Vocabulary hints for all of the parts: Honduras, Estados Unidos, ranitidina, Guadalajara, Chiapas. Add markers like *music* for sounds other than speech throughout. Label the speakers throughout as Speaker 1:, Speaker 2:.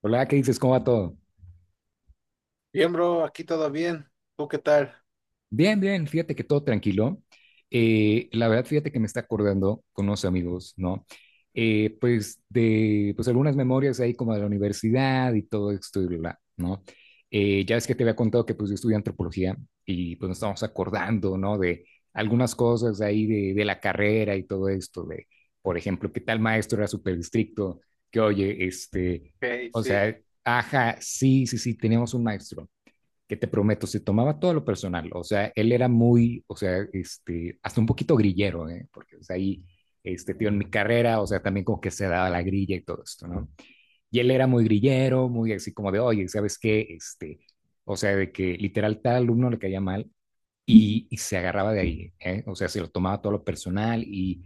Speaker 1: Hola, ¿qué dices? ¿Cómo va todo?
Speaker 2: Bien, bro, aquí todo bien. ¿Tú qué tal?
Speaker 1: Bien, bien, fíjate que todo tranquilo. La verdad, fíjate que me está acordando con unos amigos, ¿no? Pues algunas memorias ahí como de la universidad y todo esto y bla, bla, ¿no? Ya es que te había contado que pues yo estudié antropología, y pues nos estamos acordando, ¿no? De algunas cosas ahí de la carrera y todo esto, de, por ejemplo, que tal maestro era súper estricto, que oye,
Speaker 2: Ok,
Speaker 1: o
Speaker 2: sí.
Speaker 1: sea, ajá, sí, sí, sí, teníamos un maestro que, te prometo, se tomaba todo lo personal. O sea, él era muy, o sea, hasta un poquito grillero, ¿eh? Porque o sea, ahí, tío, en mi carrera, o sea, también como que se daba la grilla y todo esto, ¿no? Y él era muy grillero, muy así como de, oye, ¿sabes qué? O sea, de que literal tal alumno le caía mal y se agarraba de ahí, ¿eh? O sea, se lo tomaba todo lo personal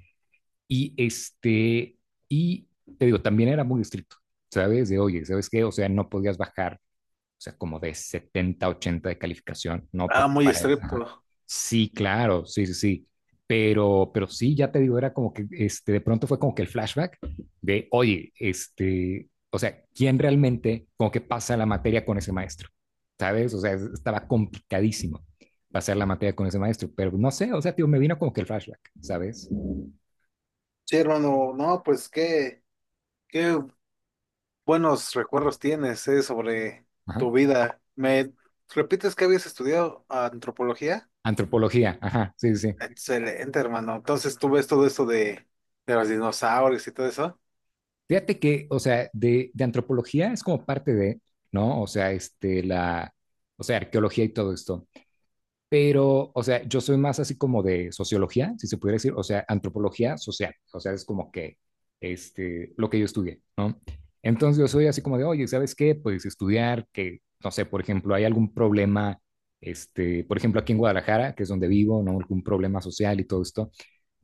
Speaker 1: y este, y te digo, también era muy estricto, ¿sabes? De, oye, ¿sabes qué? O sea, no podías bajar, o sea, como de 70, 80 de calificación, ¿no?
Speaker 2: Ah,
Speaker 1: Porque
Speaker 2: muy
Speaker 1: para... Ajá.
Speaker 2: estricto.
Speaker 1: Sí, claro, sí, sí, sí. Pero sí, ya te digo, era como que, de pronto fue como que el flashback de, oye, o sea, ¿quién realmente, como que pasa la materia con ese maestro? ¿Sabes? O sea, estaba complicadísimo pasar la materia con ese maestro, pero no sé, o sea, tío, me vino como que el flashback, ¿sabes?
Speaker 2: Sí, hermano, no, pues qué buenos recuerdos tienes, sobre tu
Speaker 1: Ajá.
Speaker 2: vida. ¿Me repites que habías estudiado antropología?
Speaker 1: Antropología, ajá, sí, sí, sí.
Speaker 2: Excelente, hermano. Entonces tú ves todo esto de los dinosaurios y todo eso.
Speaker 1: Fíjate que, o sea, de antropología es como parte de, ¿no? O sea, la, o sea, arqueología y todo esto. Pero, o sea, yo soy más así como de sociología, si se pudiera decir, o sea, antropología social. O sea, es como que, lo que yo estudié, ¿no? Entonces yo soy así como de, oye, ¿sabes qué? Pues estudiar que, no sé, por ejemplo, hay algún problema, por ejemplo, aquí en Guadalajara, que es donde vivo, ¿no? Algún problema social y todo esto,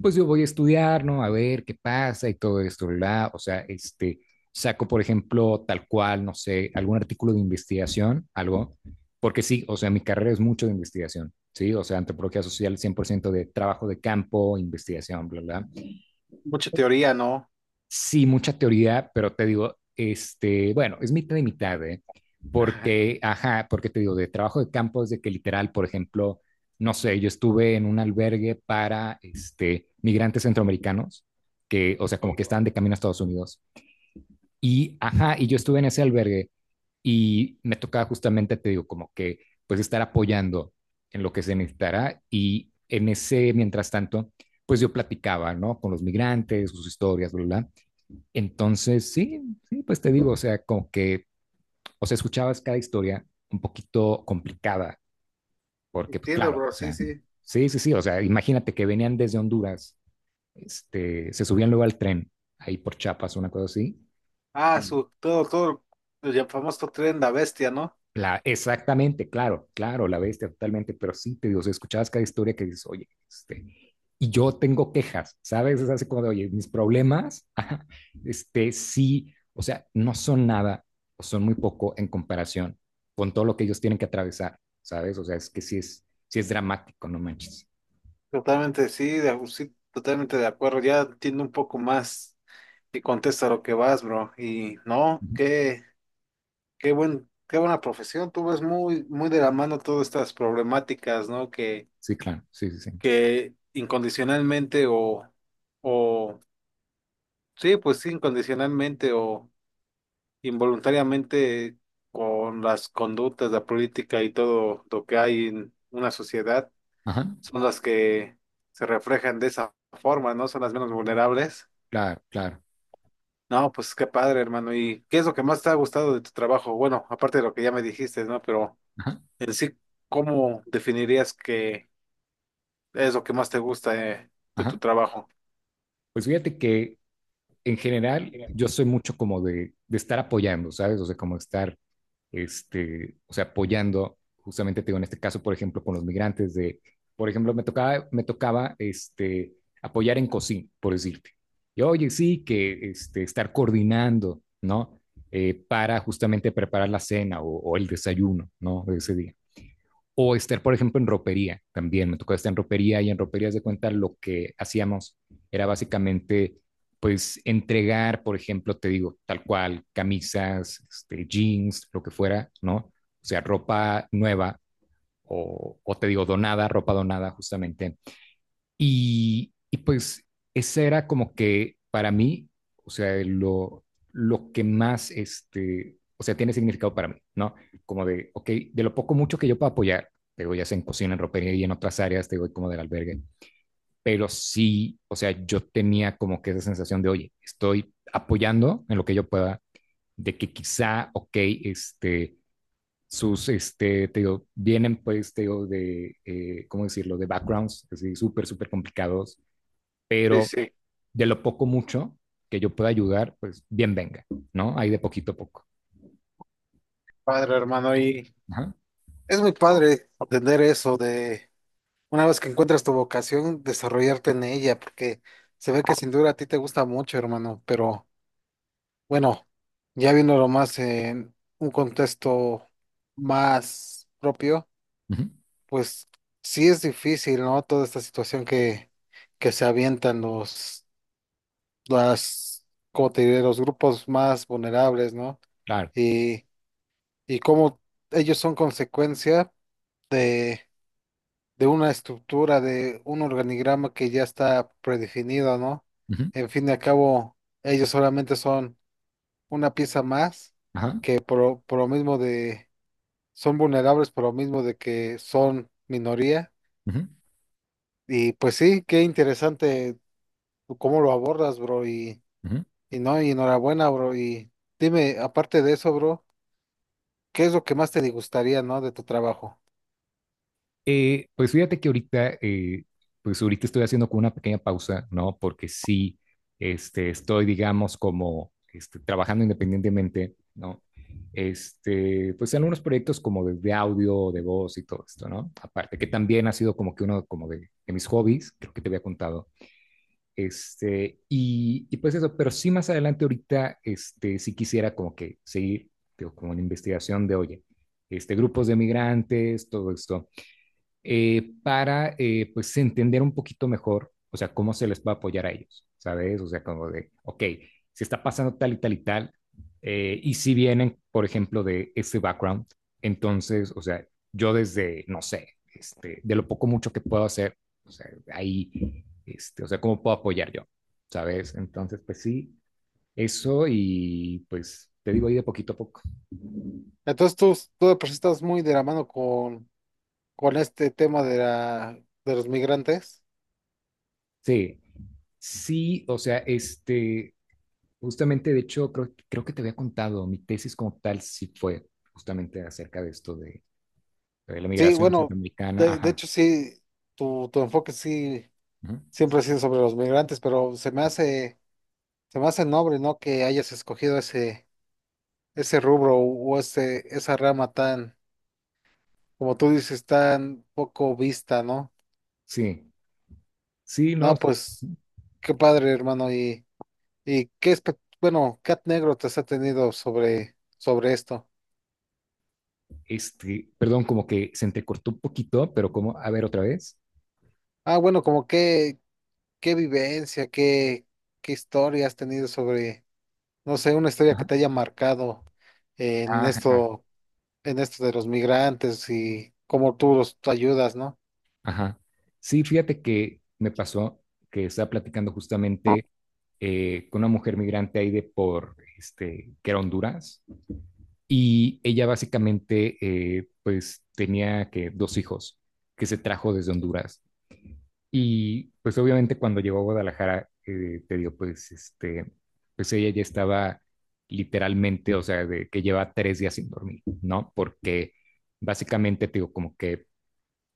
Speaker 1: pues yo voy a estudiar, ¿no? A ver qué pasa y todo esto, ¿verdad? O sea, saco, por ejemplo, tal cual, no sé, algún artículo de investigación, algo, porque sí, o sea, mi carrera es mucho de investigación, ¿sí? O sea, antropología social, 100% de trabajo de campo, investigación, bla, bla.
Speaker 2: Mucha teoría, ¿no?
Speaker 1: Sí, mucha teoría, pero te digo, bueno, es mitad y mitad, ¿eh?
Speaker 2: *laughs* Ajá.
Speaker 1: Porque, ajá, porque te digo, de trabajo de campo es de que literal, por ejemplo, no sé, yo estuve en un albergue para migrantes centroamericanos, que, o sea, como que
Speaker 2: Ok.
Speaker 1: estaban de camino a Estados Unidos. Y, ajá, y yo estuve en ese albergue y me tocaba justamente, te digo, como que, pues estar apoyando en lo que se necesitara. Y en ese, mientras tanto, pues yo platicaba, ¿no? Con los migrantes, sus historias, bla, bla, bla. Entonces, sí, sí, pues te digo, o sea, como que, o sea, escuchabas cada historia un poquito complicada, porque, pues
Speaker 2: Entiendo,
Speaker 1: claro,
Speaker 2: bro,
Speaker 1: o
Speaker 2: sí,
Speaker 1: sea,
Speaker 2: sí.
Speaker 1: sí, sí, sí, o sea, imagínate que venían desde Honduras, se subían luego al tren, ahí por Chiapas, una cosa así.
Speaker 2: Ah, todo, el famoso tren de la bestia, ¿no?
Speaker 1: La, exactamente, claro, claro, la bestia totalmente, pero sí, te digo, si escuchabas cada historia que dices, oye, y yo tengo quejas, ¿sabes? Es así como de, oye, mis problemas, *laughs* ajá, sí, o sea, no son nada, o son muy poco en comparación con todo lo que ellos tienen que atravesar, ¿sabes? O sea, es que sí es dramático, no manches.
Speaker 2: Totalmente, sí, sí, totalmente de acuerdo. Ya entiendo un poco más y contesta lo que vas, bro. Y no,
Speaker 1: Ujú.
Speaker 2: qué qué buena profesión. Tú ves muy de la mano todas estas problemáticas, ¿no?
Speaker 1: Sí, claro, sí, sí, sí.
Speaker 2: Que incondicionalmente o, sí, pues sí, incondicionalmente o involuntariamente con las conductas, la política y todo lo que hay en una sociedad,
Speaker 1: Ajá,
Speaker 2: son las que se reflejan de esa forma, ¿no? Son las menos vulnerables.
Speaker 1: claro, claro,
Speaker 2: No, pues qué padre, hermano. ¿Y qué es lo que más te ha gustado de tu trabajo? Bueno, aparte de lo que ya me dijiste, ¿no? Pero
Speaker 1: ajá,
Speaker 2: en sí, ¿cómo definirías que es lo que más te gusta de tu
Speaker 1: ajá.
Speaker 2: trabajo?
Speaker 1: Pues fíjate que en general
Speaker 2: Bien.
Speaker 1: yo soy mucho como de estar apoyando, ¿sabes? O sea, como estar, o sea, apoyando justamente, te digo, en este caso, por ejemplo, con los migrantes de, por ejemplo, me tocaba, apoyar en cocina, por decirte. Y oye, sí, que estar coordinando, ¿no? Para justamente preparar la cena o el desayuno, ¿no? De ese día. O estar, por ejemplo, en ropería también. Me tocó estar en ropería y en roperías de cuenta lo que hacíamos era básicamente, pues, entregar, por ejemplo, te digo, tal cual, camisas, jeans, lo que fuera, ¿no? O sea, ropa nueva o te digo, donada, ropa donada justamente, y pues ese era como que para mí, o sea, lo que más, o sea, tiene significado para mí, ¿no? Como de, ok, de lo poco mucho que yo puedo apoyar, te digo, ya sea en cocina, en ropería y en otras áreas, te digo, como del albergue, pero sí, o sea, yo tenía como que esa sensación de, oye, estoy apoyando en lo que yo pueda, de que quizá, ok, este, te digo, vienen pues, te digo, de, ¿cómo decirlo?, de backgrounds, así, súper, súper complicados,
Speaker 2: Sí,
Speaker 1: pero
Speaker 2: sí.
Speaker 1: de lo poco mucho que yo pueda ayudar, pues bien venga, ¿no? Ahí de poquito a poco.
Speaker 2: Padre, hermano. Y
Speaker 1: Ajá,
Speaker 2: es muy padre entender eso de una vez que encuentras tu vocación, desarrollarte en ella, porque se ve que sin duda a ti te gusta mucho, hermano. Pero bueno, ya viéndolo más en un contexto más propio.
Speaker 1: ujú,
Speaker 2: Pues sí es difícil, ¿no? Toda esta situación que se avientan las, como te diré, los grupos más vulnerables, ¿no?
Speaker 1: claro.
Speaker 2: Y, y cómo ellos son consecuencia de, de una estructura, de un organigrama que ya está predefinido, ¿no?
Speaker 1: Ujú,
Speaker 2: En fin y al cabo, ellos solamente son una pieza más
Speaker 1: ajá,
Speaker 2: que por lo mismo de, son vulnerables por lo mismo de que son minoría.
Speaker 1: ujú,
Speaker 2: Y pues sí, qué interesante tú cómo lo abordas, bro,
Speaker 1: ujú.
Speaker 2: y no, y enhorabuena, bro, y dime, aparte de eso, bro, ¿qué es lo que más te gustaría, no, de tu trabajo?
Speaker 1: Pues fíjate que ahorita, pues ahorita estoy haciendo como una pequeña pausa, ¿no? Porque sí, estoy, digamos, como trabajando independientemente, ¿no? Pues en unos proyectos como de audio, de voz y todo esto, ¿no? Aparte, que también ha sido como que uno como de mis hobbies, creo que te había contado. Pues eso, pero sí más adelante ahorita, sí quisiera como que seguir, digo, como una investigación de, oye, grupos de migrantes, todo esto, para pues entender un poquito mejor, o sea, cómo se les va a apoyar a ellos, ¿sabes? O sea, como de, ok, si está pasando tal y tal y tal, y si vienen, por ejemplo, de ese background, entonces, o sea, yo desde, no sé, de lo poco mucho que puedo hacer, o sea, ahí, o sea, cómo puedo apoyar yo, ¿sabes? Entonces, pues sí, eso y pues te digo ahí de poquito a poco.
Speaker 2: Entonces tú de por sí estás muy de la mano con este tema de de los migrantes.
Speaker 1: Sí, sí, o sea, justamente, de hecho, creo que te había contado, mi tesis como tal sí fue justamente acerca de esto de la
Speaker 2: Sí,
Speaker 1: migración
Speaker 2: bueno,
Speaker 1: centroamericana.
Speaker 2: de
Speaker 1: Ajá.
Speaker 2: hecho sí, tu enfoque sí
Speaker 1: Ujú.
Speaker 2: siempre ha sido sobre los migrantes, pero se me hace noble, ¿no? Que hayas escogido ese rubro o esa rama tan, como tú dices, tan poco vista, ¿no?
Speaker 1: Sí, sí, no,
Speaker 2: No,
Speaker 1: sí,
Speaker 2: pues qué padre, hermano. Y qué bueno, Cat Negro te has tenido sobre, sobre esto.
Speaker 1: perdón, como que se entrecortó un poquito, pero como, a ver otra vez.
Speaker 2: Ah, bueno, como qué vivencia, qué, qué historia has tenido sobre, no sé, una historia que
Speaker 1: Ajá.
Speaker 2: te haya marcado en
Speaker 1: Ajá, ajá,
Speaker 2: esto, en esto de los migrantes y cómo tú los tú ayudas, ¿no?
Speaker 1: ajá. Sí, fíjate que me pasó que estaba platicando justamente, con una mujer migrante ahí de por, que era Honduras. Y ella básicamente, pues tenía que dos hijos que se trajo desde Honduras. Y pues obviamente cuando llegó a Guadalajara, te digo, pues pues ella ya estaba literalmente, o sea, de que lleva 3 días sin dormir, ¿no? Porque básicamente, te digo, como que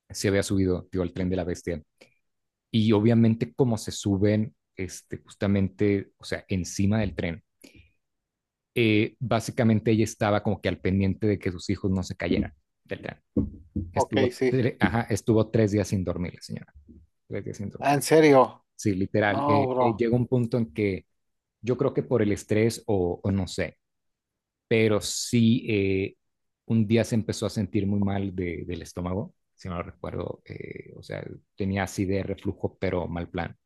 Speaker 1: se había subido, te digo, al tren de la bestia. Y obviamente como se suben, justamente, o sea, encima del tren, básicamente ella estaba como que al pendiente de que sus hijos no se cayeran del tren.
Speaker 2: Ok,
Speaker 1: Estuvo,
Speaker 2: sí.
Speaker 1: ajá, estuvo 3 días sin dormir la señora, 3 días sin
Speaker 2: Ah,
Speaker 1: dormir.
Speaker 2: en serio.
Speaker 1: Sí, literal,
Speaker 2: No, bro.
Speaker 1: llega un punto en que yo creo que por el estrés o no sé, pero sí, un día se empezó a sentir muy mal de, del estómago, si no lo recuerdo, o sea, tenía acidez, reflujo, pero mal plan.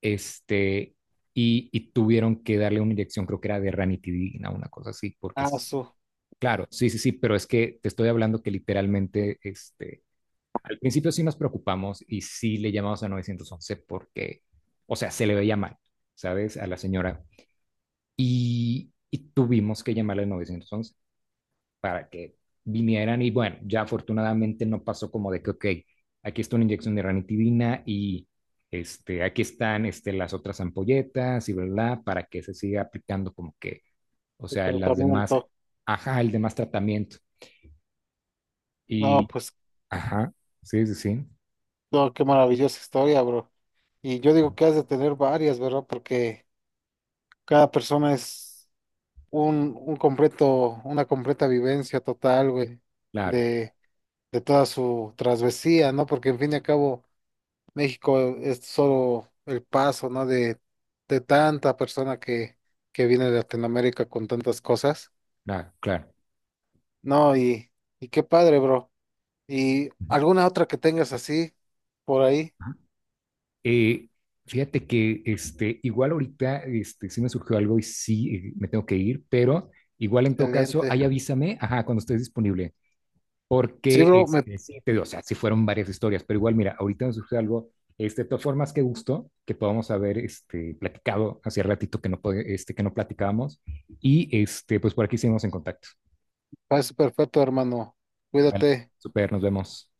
Speaker 1: Este, Tuvieron que darle una inyección, creo que era de ranitidina, una cosa así, porque,
Speaker 2: Ah,
Speaker 1: claro, sí, sí, sí, pero es que te estoy hablando que literalmente, al principio sí nos preocupamos y sí le llamamos a 911 porque, o sea, se le veía mal, ¿sabes? A la señora. Y tuvimos que llamarle al 911 para que vinieran y bueno, ya afortunadamente no pasó. Como de que, ok, aquí está una inyección de ranitidina y aquí están las otras ampolletas, y verdad, para que se siga aplicando como que, o
Speaker 2: su
Speaker 1: sea, las demás,
Speaker 2: tratamiento.
Speaker 1: ajá, el demás tratamiento.
Speaker 2: No,
Speaker 1: Y,
Speaker 2: pues.
Speaker 1: ajá, sí, sí, sí,
Speaker 2: No, qué maravillosa historia, bro. Y yo digo que has de tener varias, ¿verdad? Porque cada persona es un completo, una completa vivencia total, güey,
Speaker 1: claro,
Speaker 2: de, de toda su travesía, ¿no? Porque en fin y al cabo, México es solo el paso, ¿no? De tanta persona que viene de Latinoamérica con tantas cosas.
Speaker 1: claro, claro.
Speaker 2: No, y qué padre, bro. ¿Y alguna otra que tengas así por ahí?
Speaker 1: Eh, Fíjate que igual ahorita sí me surgió algo y sí, me tengo que ir, pero igual en todo caso,
Speaker 2: Excelente.
Speaker 1: ahí avísame, ajá, cuando estés disponible,
Speaker 2: Sí,
Speaker 1: porque
Speaker 2: bro, me
Speaker 1: sí, te digo, o sea, sí fueron varias historias, pero igual, mira, ahorita me surgió algo. De todas formas, qué gusto que podamos haber platicado hace ratito que no, que no platicábamos. Y pues por aquí seguimos en contacto.
Speaker 2: Parece perfecto, hermano.
Speaker 1: Vale,
Speaker 2: Cuídate.
Speaker 1: super, nos vemos.